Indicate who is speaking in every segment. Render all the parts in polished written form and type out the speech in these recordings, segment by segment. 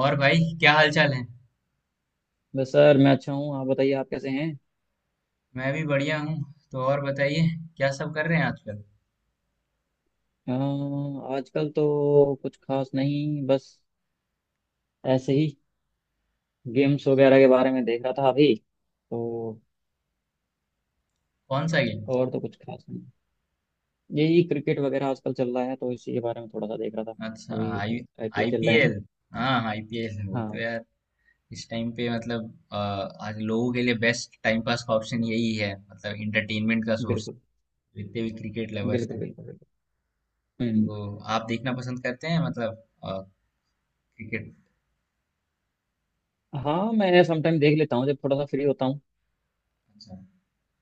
Speaker 1: और भाई क्या हाल चाल है?
Speaker 2: बस सर, मैं अच्छा हूँ। आप बताइए, आप कैसे हैं?
Speaker 1: मैं भी बढ़िया हूँ। तो और बताइए। क्या सब कर रहे हैं आजकल?
Speaker 2: अ, आजकल तो कुछ खास नहीं, बस ऐसे ही गेम्स वगैरह के बारे में देख रहा था अभी तो।
Speaker 1: कौन सा गेम?
Speaker 2: और तो कुछ खास नहीं, यही क्रिकेट वगैरह आजकल चल रहा है, तो इसी के बारे में थोड़ा सा देख रहा था।
Speaker 1: अच्छा,
Speaker 2: अभी
Speaker 1: आई
Speaker 2: आईपीएल चल रहा है ना।
Speaker 1: आईपीएल हाँ आईपीएल, वो तो
Speaker 2: हाँ,
Speaker 1: यार इस टाइम पे मतलब अ, आज लोगों के लिए बेस्ट टाइम पास का ऑप्शन यही है, मतलब इंटरटेनमेंट का सोर्स।
Speaker 2: बिल्कुल
Speaker 1: जितने भी क्रिकेट लवर्स
Speaker 2: बिल्कुल
Speaker 1: हैं।
Speaker 2: बिल्कुल बिल्कुल। हम्म।
Speaker 1: तो आप देखना पसंद करते हैं मतलब क्रिकेट?
Speaker 2: हाँ, मैं समटाइम देख लेता हूँ जब थोड़ा सा फ्री होता हूँ।
Speaker 1: अच्छा।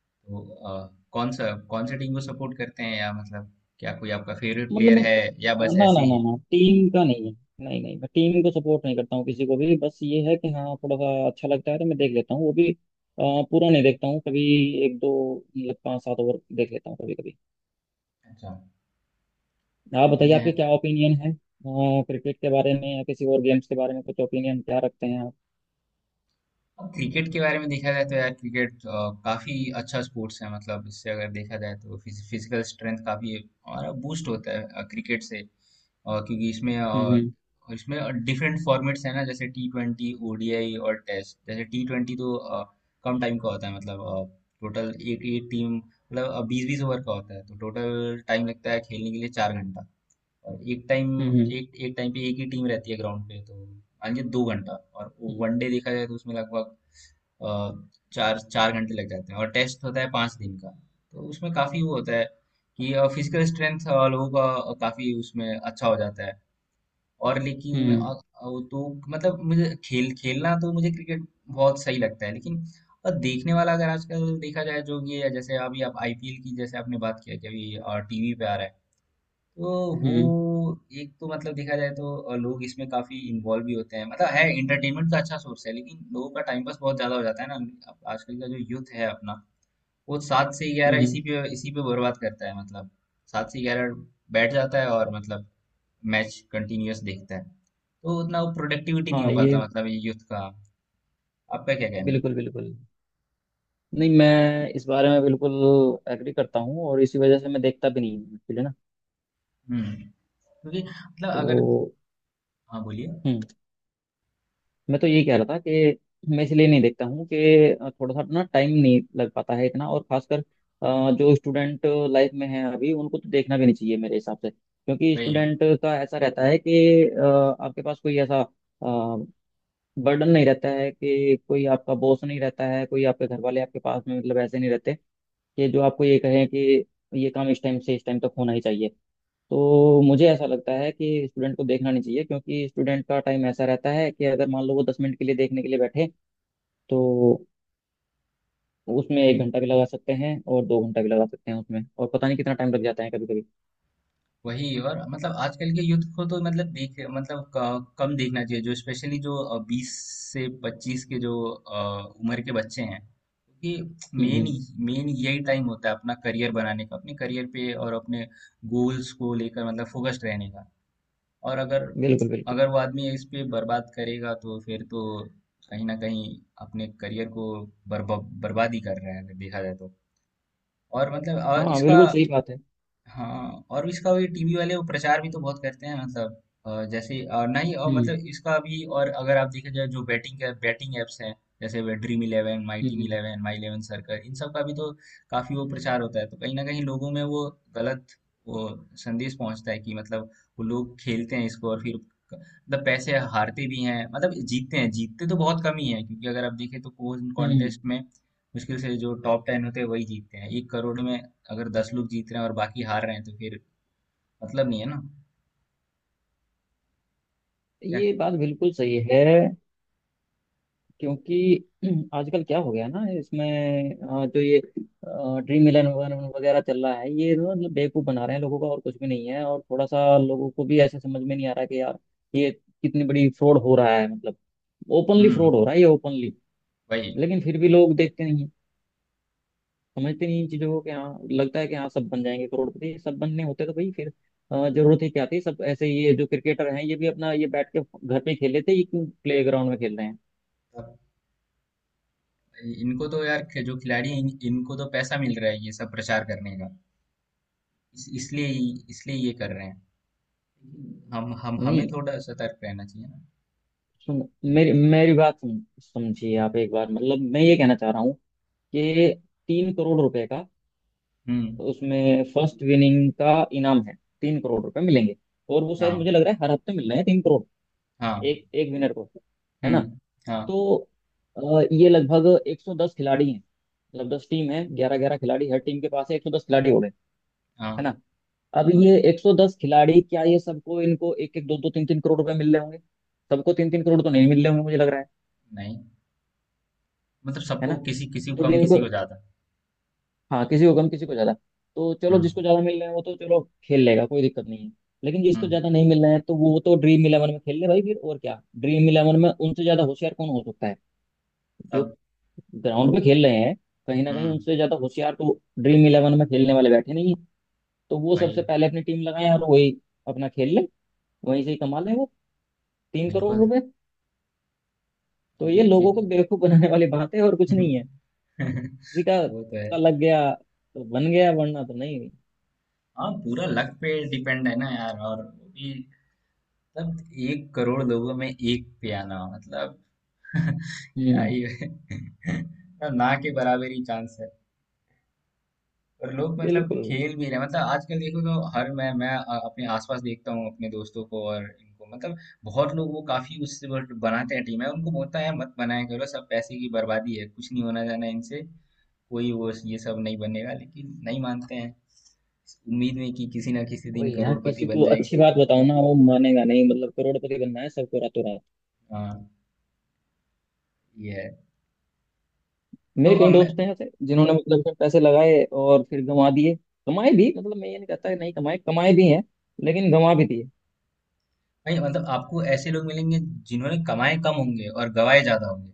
Speaker 1: तो अ, कौन सा टीम को सपोर्ट करते हैं, या मतलब क्या कोई आपका फेवरेट
Speaker 2: मतलब
Speaker 1: प्लेयर
Speaker 2: मैं,
Speaker 1: है, या बस
Speaker 2: ना ना
Speaker 1: ऐसे
Speaker 2: ना
Speaker 1: ही?
Speaker 2: ना, टीम का नहीं है। नहीं नहीं, मैं टीम को सपोर्ट नहीं करता हूँ किसी को भी। बस ये है कि हाँ, थोड़ा सा अच्छा लगता है तो मैं देख लेता हूँ, वो भी पूरा नहीं देखता हूँ कभी। एक दो, मतलब पाँच सात ओवर देख लेता हूँ कभी कभी।
Speaker 1: अच्छा,
Speaker 2: आप बताइए,
Speaker 1: बढ़िया है।
Speaker 2: आपके क्या ओपिनियन है क्रिकेट के बारे में या किसी और गेम्स के बारे में? कुछ ओपिनियन क्या रखते हैं आप?
Speaker 1: अब क्रिकेट के बारे में देखा जाए तो यार, क्रिकेट काफी अच्छा स्पोर्ट्स है, मतलब इससे अगर देखा जाए तो फिजिकल स्ट्रेंथ काफी हमारा बूस्ट होता है क्रिकेट से। क्योंकि
Speaker 2: हम्म।
Speaker 1: इसमें डिफरेंट फॉर्मेट्स है ना, जैसे टी ट्वेंटी, ओडीआई और टेस्ट। जैसे टी ट्वेंटी तो कम टाइम का होता है, मतलब टोटल एक एक टीम, मतलब बीस बीस ओवर का होता है, तो टोटल टाइम लगता है खेलने के लिए चार घंटा। और
Speaker 2: हम्म।
Speaker 1: एक एक टाइम पे एक ही टीम रहती है ग्राउंड पे, तो मान लीजिए दो घंटा। और
Speaker 2: हम्म।
Speaker 1: वनडे देखा जाए तो उसमें लगभग अ, चार चार घंटे लग जाते हैं, और टेस्ट होता है पाँच दिन का। तो उसमें काफ़ी वो होता है कि फिजिकल स्ट्रेंथ लोगों का काफ़ी उसमें अच्छा हो जाता है। और लेकिन
Speaker 2: हम्म।
Speaker 1: वो तो मतलब मुझे खेल खेलना तो मुझे क्रिकेट बहुत सही लगता है, लेकिन देखने वाला अगर आजकल देखा जाए, जो ये है, जैसे अभी आप आईपीएल की जैसे आपने बात किया कि अभी टीवी पे आ रहा है, तो वो
Speaker 2: हम्म।
Speaker 1: एक तो मतलब देखा जाए तो लोग इसमें काफी इन्वॉल्व भी होते हैं, मतलब है एंटरटेनमेंट का अच्छा सोर्स है, लेकिन लोगों का टाइम पास बहुत ज्यादा हो जाता है ना। अब आजकल का जो यूथ है अपना, वो सात से ग्यारह इसी
Speaker 2: हम्म।
Speaker 1: पे इसी पे बर्बाद करता है, मतलब सात से ग्यारह बैठ जाता है और मतलब मैच कंटिन्यूअस देखता है, तो उतना वो प्रोडक्टिविटी नहीं हो
Speaker 2: हाँ
Speaker 1: पाता,
Speaker 2: ये।
Speaker 1: मतलब ये यूथ का। आपका क्या कहना है?
Speaker 2: बिल्कुल बिल्कुल। नहीं, मैं इस बारे में बिल्कुल एग्री करता हूँ, और इसी वजह से मैं देखता भी नहीं हूँ actually ना।
Speaker 1: हम्म। क्योंकि मतलब अगर।
Speaker 2: तो
Speaker 1: हाँ, बोलिए।
Speaker 2: हम्म मैं तो ये कह रहा था कि मैं इसलिए नहीं देखता हूँ कि थोड़ा सा ना टाइम नहीं लग पाता है इतना। और खासकर जो स्टूडेंट लाइफ में है अभी, उनको तो देखना भी नहीं चाहिए मेरे हिसाब से। क्योंकि
Speaker 1: वही
Speaker 2: स्टूडेंट का ऐसा रहता है कि अ, आपके पास कोई ऐसा बर्डन नहीं रहता है, कि कोई आपका बॉस नहीं रहता है, कोई आपके घर वाले आपके पास में मतलब ऐसे नहीं रहते कि जो आपको ये कहें कि ये काम इस टाइम से इस टाइम तक होना ही चाहिए। तो मुझे ऐसा लगता है कि स्टूडेंट को देखना नहीं चाहिए, क्योंकि स्टूडेंट का टाइम ऐसा रहता है कि अगर मान लो वो 10 मिनट के लिए देखने के लिए बैठे, तो उसमें 1 घंटा भी लगा सकते हैं और 2 घंटा भी लगा सकते हैं उसमें, और पता नहीं कितना टाइम लग जाता है कभी कभी।
Speaker 1: वही और मतलब आजकल के यूथ को तो मतलब देख मतलब कम देखना चाहिए, जो स्पेशली जो बीस से पच्चीस के जो उम्र के बच्चे हैं, क्योंकि
Speaker 2: हम्म।
Speaker 1: मेन
Speaker 2: हम्म।
Speaker 1: मेन यही टाइम होता है अपना करियर बनाने का, अपने करियर पे और अपने गोल्स को लेकर मतलब फोकस्ड रहने का। और अगर
Speaker 2: बिल्कुल बिल्कुल।
Speaker 1: अगर वो आदमी इस पे बर्बाद करेगा तो फिर तो कहीं ना कहीं अपने करियर को बर्बा बर्बाद ही कर रहा है अगर देखा जाए तो। और मतलब
Speaker 2: हाँ
Speaker 1: इसका।
Speaker 2: बिल्कुल सही बात है।
Speaker 1: हाँ, और इसका भी टीवी वाले वो प्रचार भी तो बहुत करते हैं, मतलब जैसे नहीं और
Speaker 2: हम्म।
Speaker 1: मतलब इसका भी, और अगर आप देखा जाए जो बैटिंग का बैटिंग एप्स हैं, जैसे वे ड्रीम इलेवन, माई टीम
Speaker 2: हम्म।
Speaker 1: इलेवन, माई इलेवन सर्कल, इन सब का भी तो काफी वो प्रचार होता है, तो कहीं ना कहीं लोगों में वो गलत वो संदेश पहुंचता है कि मतलब वो लोग खेलते हैं इसको, और फिर मतलब पैसे हारते भी हैं, मतलब जीतते हैं, जीतते तो बहुत कम ही है, क्योंकि अगर आप देखें तो कोई
Speaker 2: हम्म। हम्म।
Speaker 1: कॉन्टेस्ट में मुश्किल से जो टॉप टेन होते हैं वही जीतते हैं एक करोड़ में। अगर 10 लोग जीत रहे हैं और बाकी हार रहे हैं तो फिर मतलब नहीं है ना। क्या?
Speaker 2: ये बात बिल्कुल सही है। क्योंकि आजकल क्या हो गया ना इसमें, जो ये ड्रीम इलेवन वगैरह वगैरह चल रहा है, ये ना मतलब बेवकूफ बना रहे हैं लोगों का और कुछ भी नहीं है। और थोड़ा सा लोगों को भी ऐसे समझ में नहीं आ रहा कि यार ये कितनी बड़ी फ्रॉड हो रहा है, मतलब ओपनली
Speaker 1: हम्म।
Speaker 2: फ्रॉड हो रहा है ये, ओपनली।
Speaker 1: वही।
Speaker 2: लेकिन फिर भी लोग देखते नहीं हैं, समझते नहीं इन चीजों को कि हाँ, लगता है कि हाँ सब बन जाएंगे करोड़पति। सब बनने होते तो भाई फिर जरूरत ही क्या थी? सब ऐसे ही ये जो क्रिकेटर हैं, ये भी अपना ये बैठ के घर पे ही खेल लेते, ये क्यों प्ले ग्राउंड में खेल रहे हैं?
Speaker 1: अब इनको तो यार जो खिलाड़ी हैं, इनको तो पैसा मिल रहा है ये सब प्रचार करने का, इस, इसलिए इसलिए ये कर रहे हैं। हम हमें
Speaker 2: नहीं,
Speaker 1: थोड़ा सतर्क रहना चाहिए ना।
Speaker 2: सुन, मेरी मेरी बात सुन, समझिए आप एक बार। मतलब मैं ये कहना चाह रहा हूँ कि 3 करोड़ रुपए का
Speaker 1: हम्म।
Speaker 2: उसमें फर्स्ट विनिंग का इनाम है, 3 करोड़ रुपए मिलेंगे। और वो शायद मुझे
Speaker 1: हाँ।
Speaker 2: लग रहा है हर हफ्ते मिल रहे हैं 3 करोड़,
Speaker 1: हाँ।
Speaker 2: एक एक विनर को, है ना?
Speaker 1: हम्म। हाँ।
Speaker 2: तो अ, ये लगभग 110 खिलाड़ी हैं, मतलब 10 टीम है, ग्यारह ग्यारह खिलाड़ी हर टीम के पास है, 110 खिलाड़ी हो गए, है
Speaker 1: हाँ।
Speaker 2: ना? अब ये 110 खिलाड़ी, क्या ये सबको, इनको एक एक दो दो तीन तीन करोड़ रुपए मिल रहे होंगे? सबको तीन तीन करोड़ तो नहीं मिल रहे होंगे, मुझे लग रहा है
Speaker 1: नहीं मतलब
Speaker 2: है
Speaker 1: सबको,
Speaker 2: ना?
Speaker 1: किसी किसी को
Speaker 2: तो
Speaker 1: कम,
Speaker 2: जिनको,
Speaker 1: किसी को ज्यादा।
Speaker 2: हाँ, किसी को कम किसी को ज्यादा। तो चलो
Speaker 1: हम्म।
Speaker 2: जिसको ज्यादा मिल रहे हैं वो तो चलो खेल लेगा, कोई दिक्कत नहीं है। लेकिन जिसको
Speaker 1: हम्म।
Speaker 2: ज्यादा नहीं मिल रहा है, तो वो तो ड्रीम इलेवन में खेल ले भाई फिर, और क्या? ड्रीम इलेवन में उनसे ज्यादा होशियार कौन हो सकता है, जो
Speaker 1: तब।
Speaker 2: ग्राउंड पे खेल रहे हैं? कहीं ना कहीं
Speaker 1: हम्म।
Speaker 2: उनसे ज्यादा होशियार तो ड्रीम इलेवन में खेलने वाले बैठे नहीं है तो वो
Speaker 1: भाई।
Speaker 2: सबसे पहले अपनी टीम लगाए और वही अपना खेल ले, वहीं से ही कमा ले वो तीन करोड़
Speaker 1: बिल्कुल।
Speaker 2: रुपए तो ये
Speaker 1: ये-
Speaker 2: लोगों को बेवकूफ बनाने वाली बात है और कुछ नहीं है। किसी
Speaker 1: वो तो है।
Speaker 2: का लग गया तो बन गया वरना तो नहीं।
Speaker 1: हाँ, पूरा लक पे डिपेंड है ना यार, और वो भी मतलब एक करोड़ लोगों में एक पे आना मतलब क्या
Speaker 2: हम्म।
Speaker 1: ही है। मतलब ना के बराबर ही चांस है। और लोग मतलब
Speaker 2: बिल्कुल।
Speaker 1: खेल भी रहे हैं। मतलब आजकल देखो तो हर अपने आसपास देखता हूँ अपने दोस्तों को और इनको मतलब बहुत लोग वो काफी उससे वो बनाते हैं टीम है, उनको बोलता है मत बनाया करो, सब पैसे की बर्बादी है, कुछ नहीं होना जाना इनसे, कोई वो ये सब नहीं बनेगा, लेकिन नहीं मानते हैं, उम्मीद में कि किसी ना किसी दिन
Speaker 2: वही, यहाँ
Speaker 1: करोड़पति
Speaker 2: किसी
Speaker 1: बन
Speaker 2: को
Speaker 1: जाएंगे।
Speaker 2: अच्छी बात बताओ ना, वो मानेगा नहीं, मतलब करोड़पति बनना है सबको रातों रात।
Speaker 1: हाँ, ये है। तो
Speaker 2: मेरे कई
Speaker 1: मैं,
Speaker 2: दोस्त हैं ऐसे जिन्होंने मतलब उसमें पैसे लगाए और फिर गंवा दिए। कमाए भी, मतलब मैं ये नहीं कहता कि नहीं कमाए, कमाए भी हैं, लेकिन गंवा भी दिए।
Speaker 1: नहीं मतलब आपको ऐसे लोग मिलेंगे जिन्होंने कमाए कम होंगे और गवाए ज्यादा होंगे,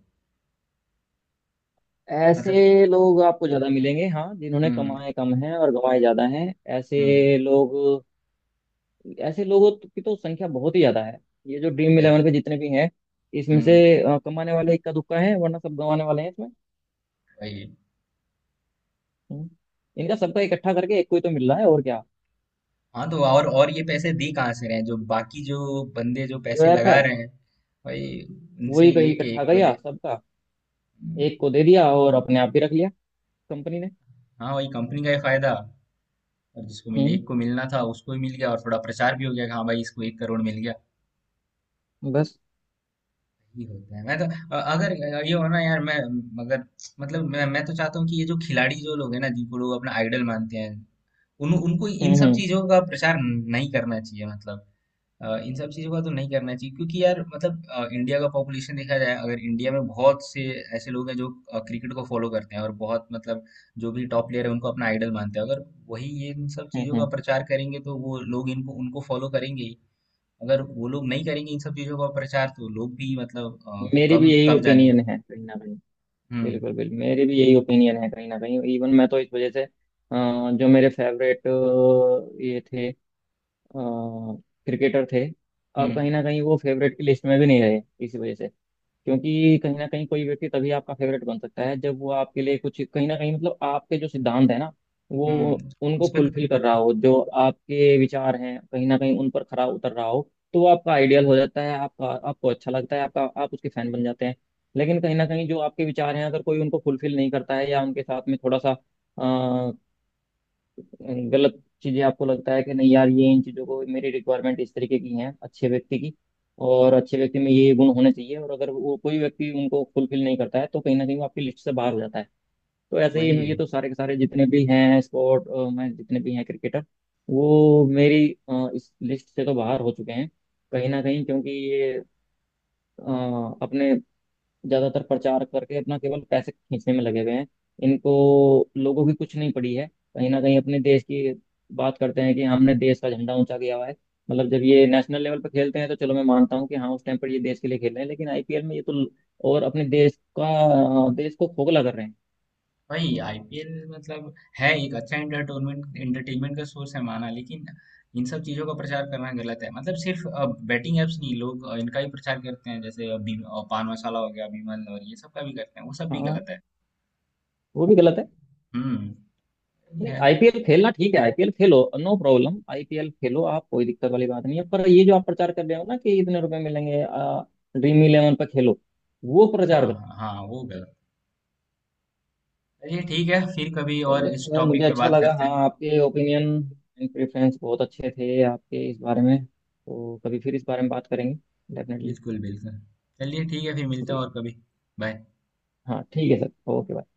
Speaker 2: ऐसे
Speaker 1: मतलब।
Speaker 2: लोग आपको ज्यादा मिलेंगे हाँ, जिन्होंने
Speaker 1: हम्म।
Speaker 2: कमाए कम हैं और गंवाए ज्यादा हैं।
Speaker 1: हम्म।
Speaker 2: ऐसे लोग, ऐसे लोगों की तो संख्या बहुत ही ज्यादा है। ये जो ड्रीम
Speaker 1: है।
Speaker 2: इलेवन पे जितने भी हैं, इसमें से
Speaker 1: हम्म।
Speaker 2: कमाने वाले इक्का दुक्का है वरना सब गंवाने वाले हैं इसमें।
Speaker 1: वही।
Speaker 2: हम्म। इनका सबका इकट्ठा करके एक को ही तो मिल रहा है, और क्या।
Speaker 1: हाँ तो और ये पैसे दे कहाँ से रहे हैं, जो बाकी जो बंदे जो
Speaker 2: जो
Speaker 1: पैसे
Speaker 2: ऐप है,
Speaker 1: लगा रहे हैं, भाई उनसे
Speaker 2: वही
Speaker 1: ही
Speaker 2: कहीं
Speaker 1: लेके
Speaker 2: इकट्ठा
Speaker 1: एक को दे।
Speaker 2: किया सबका,
Speaker 1: हम्म,
Speaker 2: एक को दे दिया और अपने आप ही रख लिया कंपनी ने।
Speaker 1: हाँ वही कंपनी का ही फायदा, और जिसको मिले,
Speaker 2: हम्म।
Speaker 1: एक को मिलना था उसको ही मिल गया, और थोड़ा प्रचार भी हो गया कि हाँ भाई इसको एक करोड़ मिल गया।
Speaker 2: बस।
Speaker 1: ये होता है। मैं तो अगर ये हो ना यार, मैं मगर मतलब मैं तो चाहता हूँ कि ये जो खिलाड़ी जो लोग हैं ना, जिनको लोग अपना आइडल मानते हैं, उन उनको इन
Speaker 2: हम्म।
Speaker 1: सब
Speaker 2: हम्म।
Speaker 1: चीजों का प्रचार नहीं करना चाहिए, मतलब इन सब चीजों का तो नहीं करना चाहिए। क्योंकि यार मतलब इंडिया का पॉपुलेशन देखा जाए, अगर इंडिया में बहुत से ऐसे लोग हैं जो क्रिकेट को फॉलो करते हैं और बहुत मतलब जो भी टॉप प्लेयर है उनको अपना आइडल मानते हैं, अगर वही ये इन सब
Speaker 2: हम्म।
Speaker 1: चीजों का
Speaker 2: हम्म।
Speaker 1: प्रचार करेंगे तो वो लोग इनको उनको फॉलो करेंगे ही। अगर वो लोग नहीं करेंगे इन सब चीजों का प्रचार तो लोग भी मतलब
Speaker 2: मेरी
Speaker 1: कम
Speaker 2: भी यही
Speaker 1: कम जाने।
Speaker 2: ओपिनियन है कहीं ना कहीं।
Speaker 1: हम्म।
Speaker 2: बिल्कुल बिल्कुल, मेरी भी यही ओपिनियन है कहीं ना कहीं। इवन मैं तो इस वजह से, जो मेरे फेवरेट ये थे, क्रिकेटर थे, अब
Speaker 1: हम्म।
Speaker 2: कहीं ना कहीं वो फेवरेट की लिस्ट में भी नहीं रहे, इसी वजह से। क्योंकि कहीं ना कहीं कोई व्यक्ति तभी आपका फेवरेट बन सकता है जब वो आपके लिए कुछ कहीं ना कहीं मतलब आपके जो सिद्धांत है ना, वो
Speaker 1: हम्म।
Speaker 2: उनको
Speaker 1: उस पे
Speaker 2: फुलफिल कर रहा हो, जो आपके विचार हैं कहीं ना कहीं उन पर खरा उतर रहा हो, तो वो आपका आइडियल हो जाता है, आपका आपको अच्छा लगता है, आपका आप उसके फैन बन जाते हैं। लेकिन कहीं ना कहीं जो आपके विचार हैं, अगर कोई उनको फुलफिल नहीं करता है या उनके साथ में थोड़ा सा यानी गलत चीजें, आपको लगता है कि नहीं यार ये इन चीजों को मेरी रिक्वायरमेंट इस तरीके की हैं अच्छे व्यक्ति की, और अच्छे व्यक्ति में ये गुण होने चाहिए, और अगर वो कोई व्यक्ति उनको फुलफिल नहीं करता है, तो कहीं ना कहीं वो आपकी लिस्ट से बाहर हो जाता है। तो ऐसे
Speaker 1: वही
Speaker 2: ही ये
Speaker 1: है।
Speaker 2: तो सारे के सारे जितने भी हैं स्पोर्ट में, जितने भी हैं क्रिकेटर, वो मेरी इस लिस्ट से तो बाहर हो चुके हैं कहीं ना कहीं। क्योंकि ये अ, अपने ज्यादातर प्रचार करके अपना केवल पैसे खींचने में लगे हुए हैं। इनको लोगों की कुछ नहीं पड़ी है, कहीं ना कहीं अपने देश की बात करते हैं कि हमने देश का झंडा ऊंचा किया हुआ है। मतलब जब ये नेशनल लेवल पर खेलते हैं तो चलो मैं मानता हूँ कि हाँ उस टाइम पर ये देश के लिए खेल रहे हैं, लेकिन आईपीएल में ये तो और अपने देश का, देश को खोखला कर रहे हैं।
Speaker 1: वही आईपीएल मतलब है एक अच्छा एंटरटेनमेंट एंटरटेनमेंट का सोर्स है माना, लेकिन इन सब चीजों का प्रचार करना गलत है, मतलब सिर्फ बैटिंग एप्स नहीं, लोग इनका ही प्रचार करते हैं, जैसे पान मसाला हो गया बीमल और ये सब का भी करते हैं, वो सब भी
Speaker 2: हाँ,
Speaker 1: गलत है।
Speaker 2: वो भी गलत है।
Speaker 1: हम्म। ये
Speaker 2: नहीं,
Speaker 1: है।
Speaker 2: आईपीएल खेलना ठीक है, आईपीएल खेलो, नो प्रॉब्लम, आईपीएल खेलो, आप कोई दिक्कत वाली बात नहीं है, पर ये जो आप प्रचार कर रहे हो ना कि इतने रुपए मिलेंगे, ड्रीम इलेवन पर खेलो, वो
Speaker 1: हाँ
Speaker 2: प्रचार।
Speaker 1: हाँ हाँ, वो गलत। चलिए ठीक है, फिर कभी और
Speaker 2: चलिए
Speaker 1: इस
Speaker 2: खैर, मुझे
Speaker 1: टॉपिक पे
Speaker 2: अच्छा
Speaker 1: बात
Speaker 2: लगा,
Speaker 1: करते
Speaker 2: हाँ
Speaker 1: हैं।
Speaker 2: आपके ओपिनियन एंड प्रेफरेंस बहुत अच्छे थे आपके इस बारे में, तो कभी फिर इस बारे में बात करेंगे डेफिनेटली।
Speaker 1: बिल्कुल, बिल्कुल। चलिए ठीक है, फिर मिलते हैं
Speaker 2: जी।
Speaker 1: और कभी। बाय।
Speaker 2: हाँ ठीक है सर, ओके।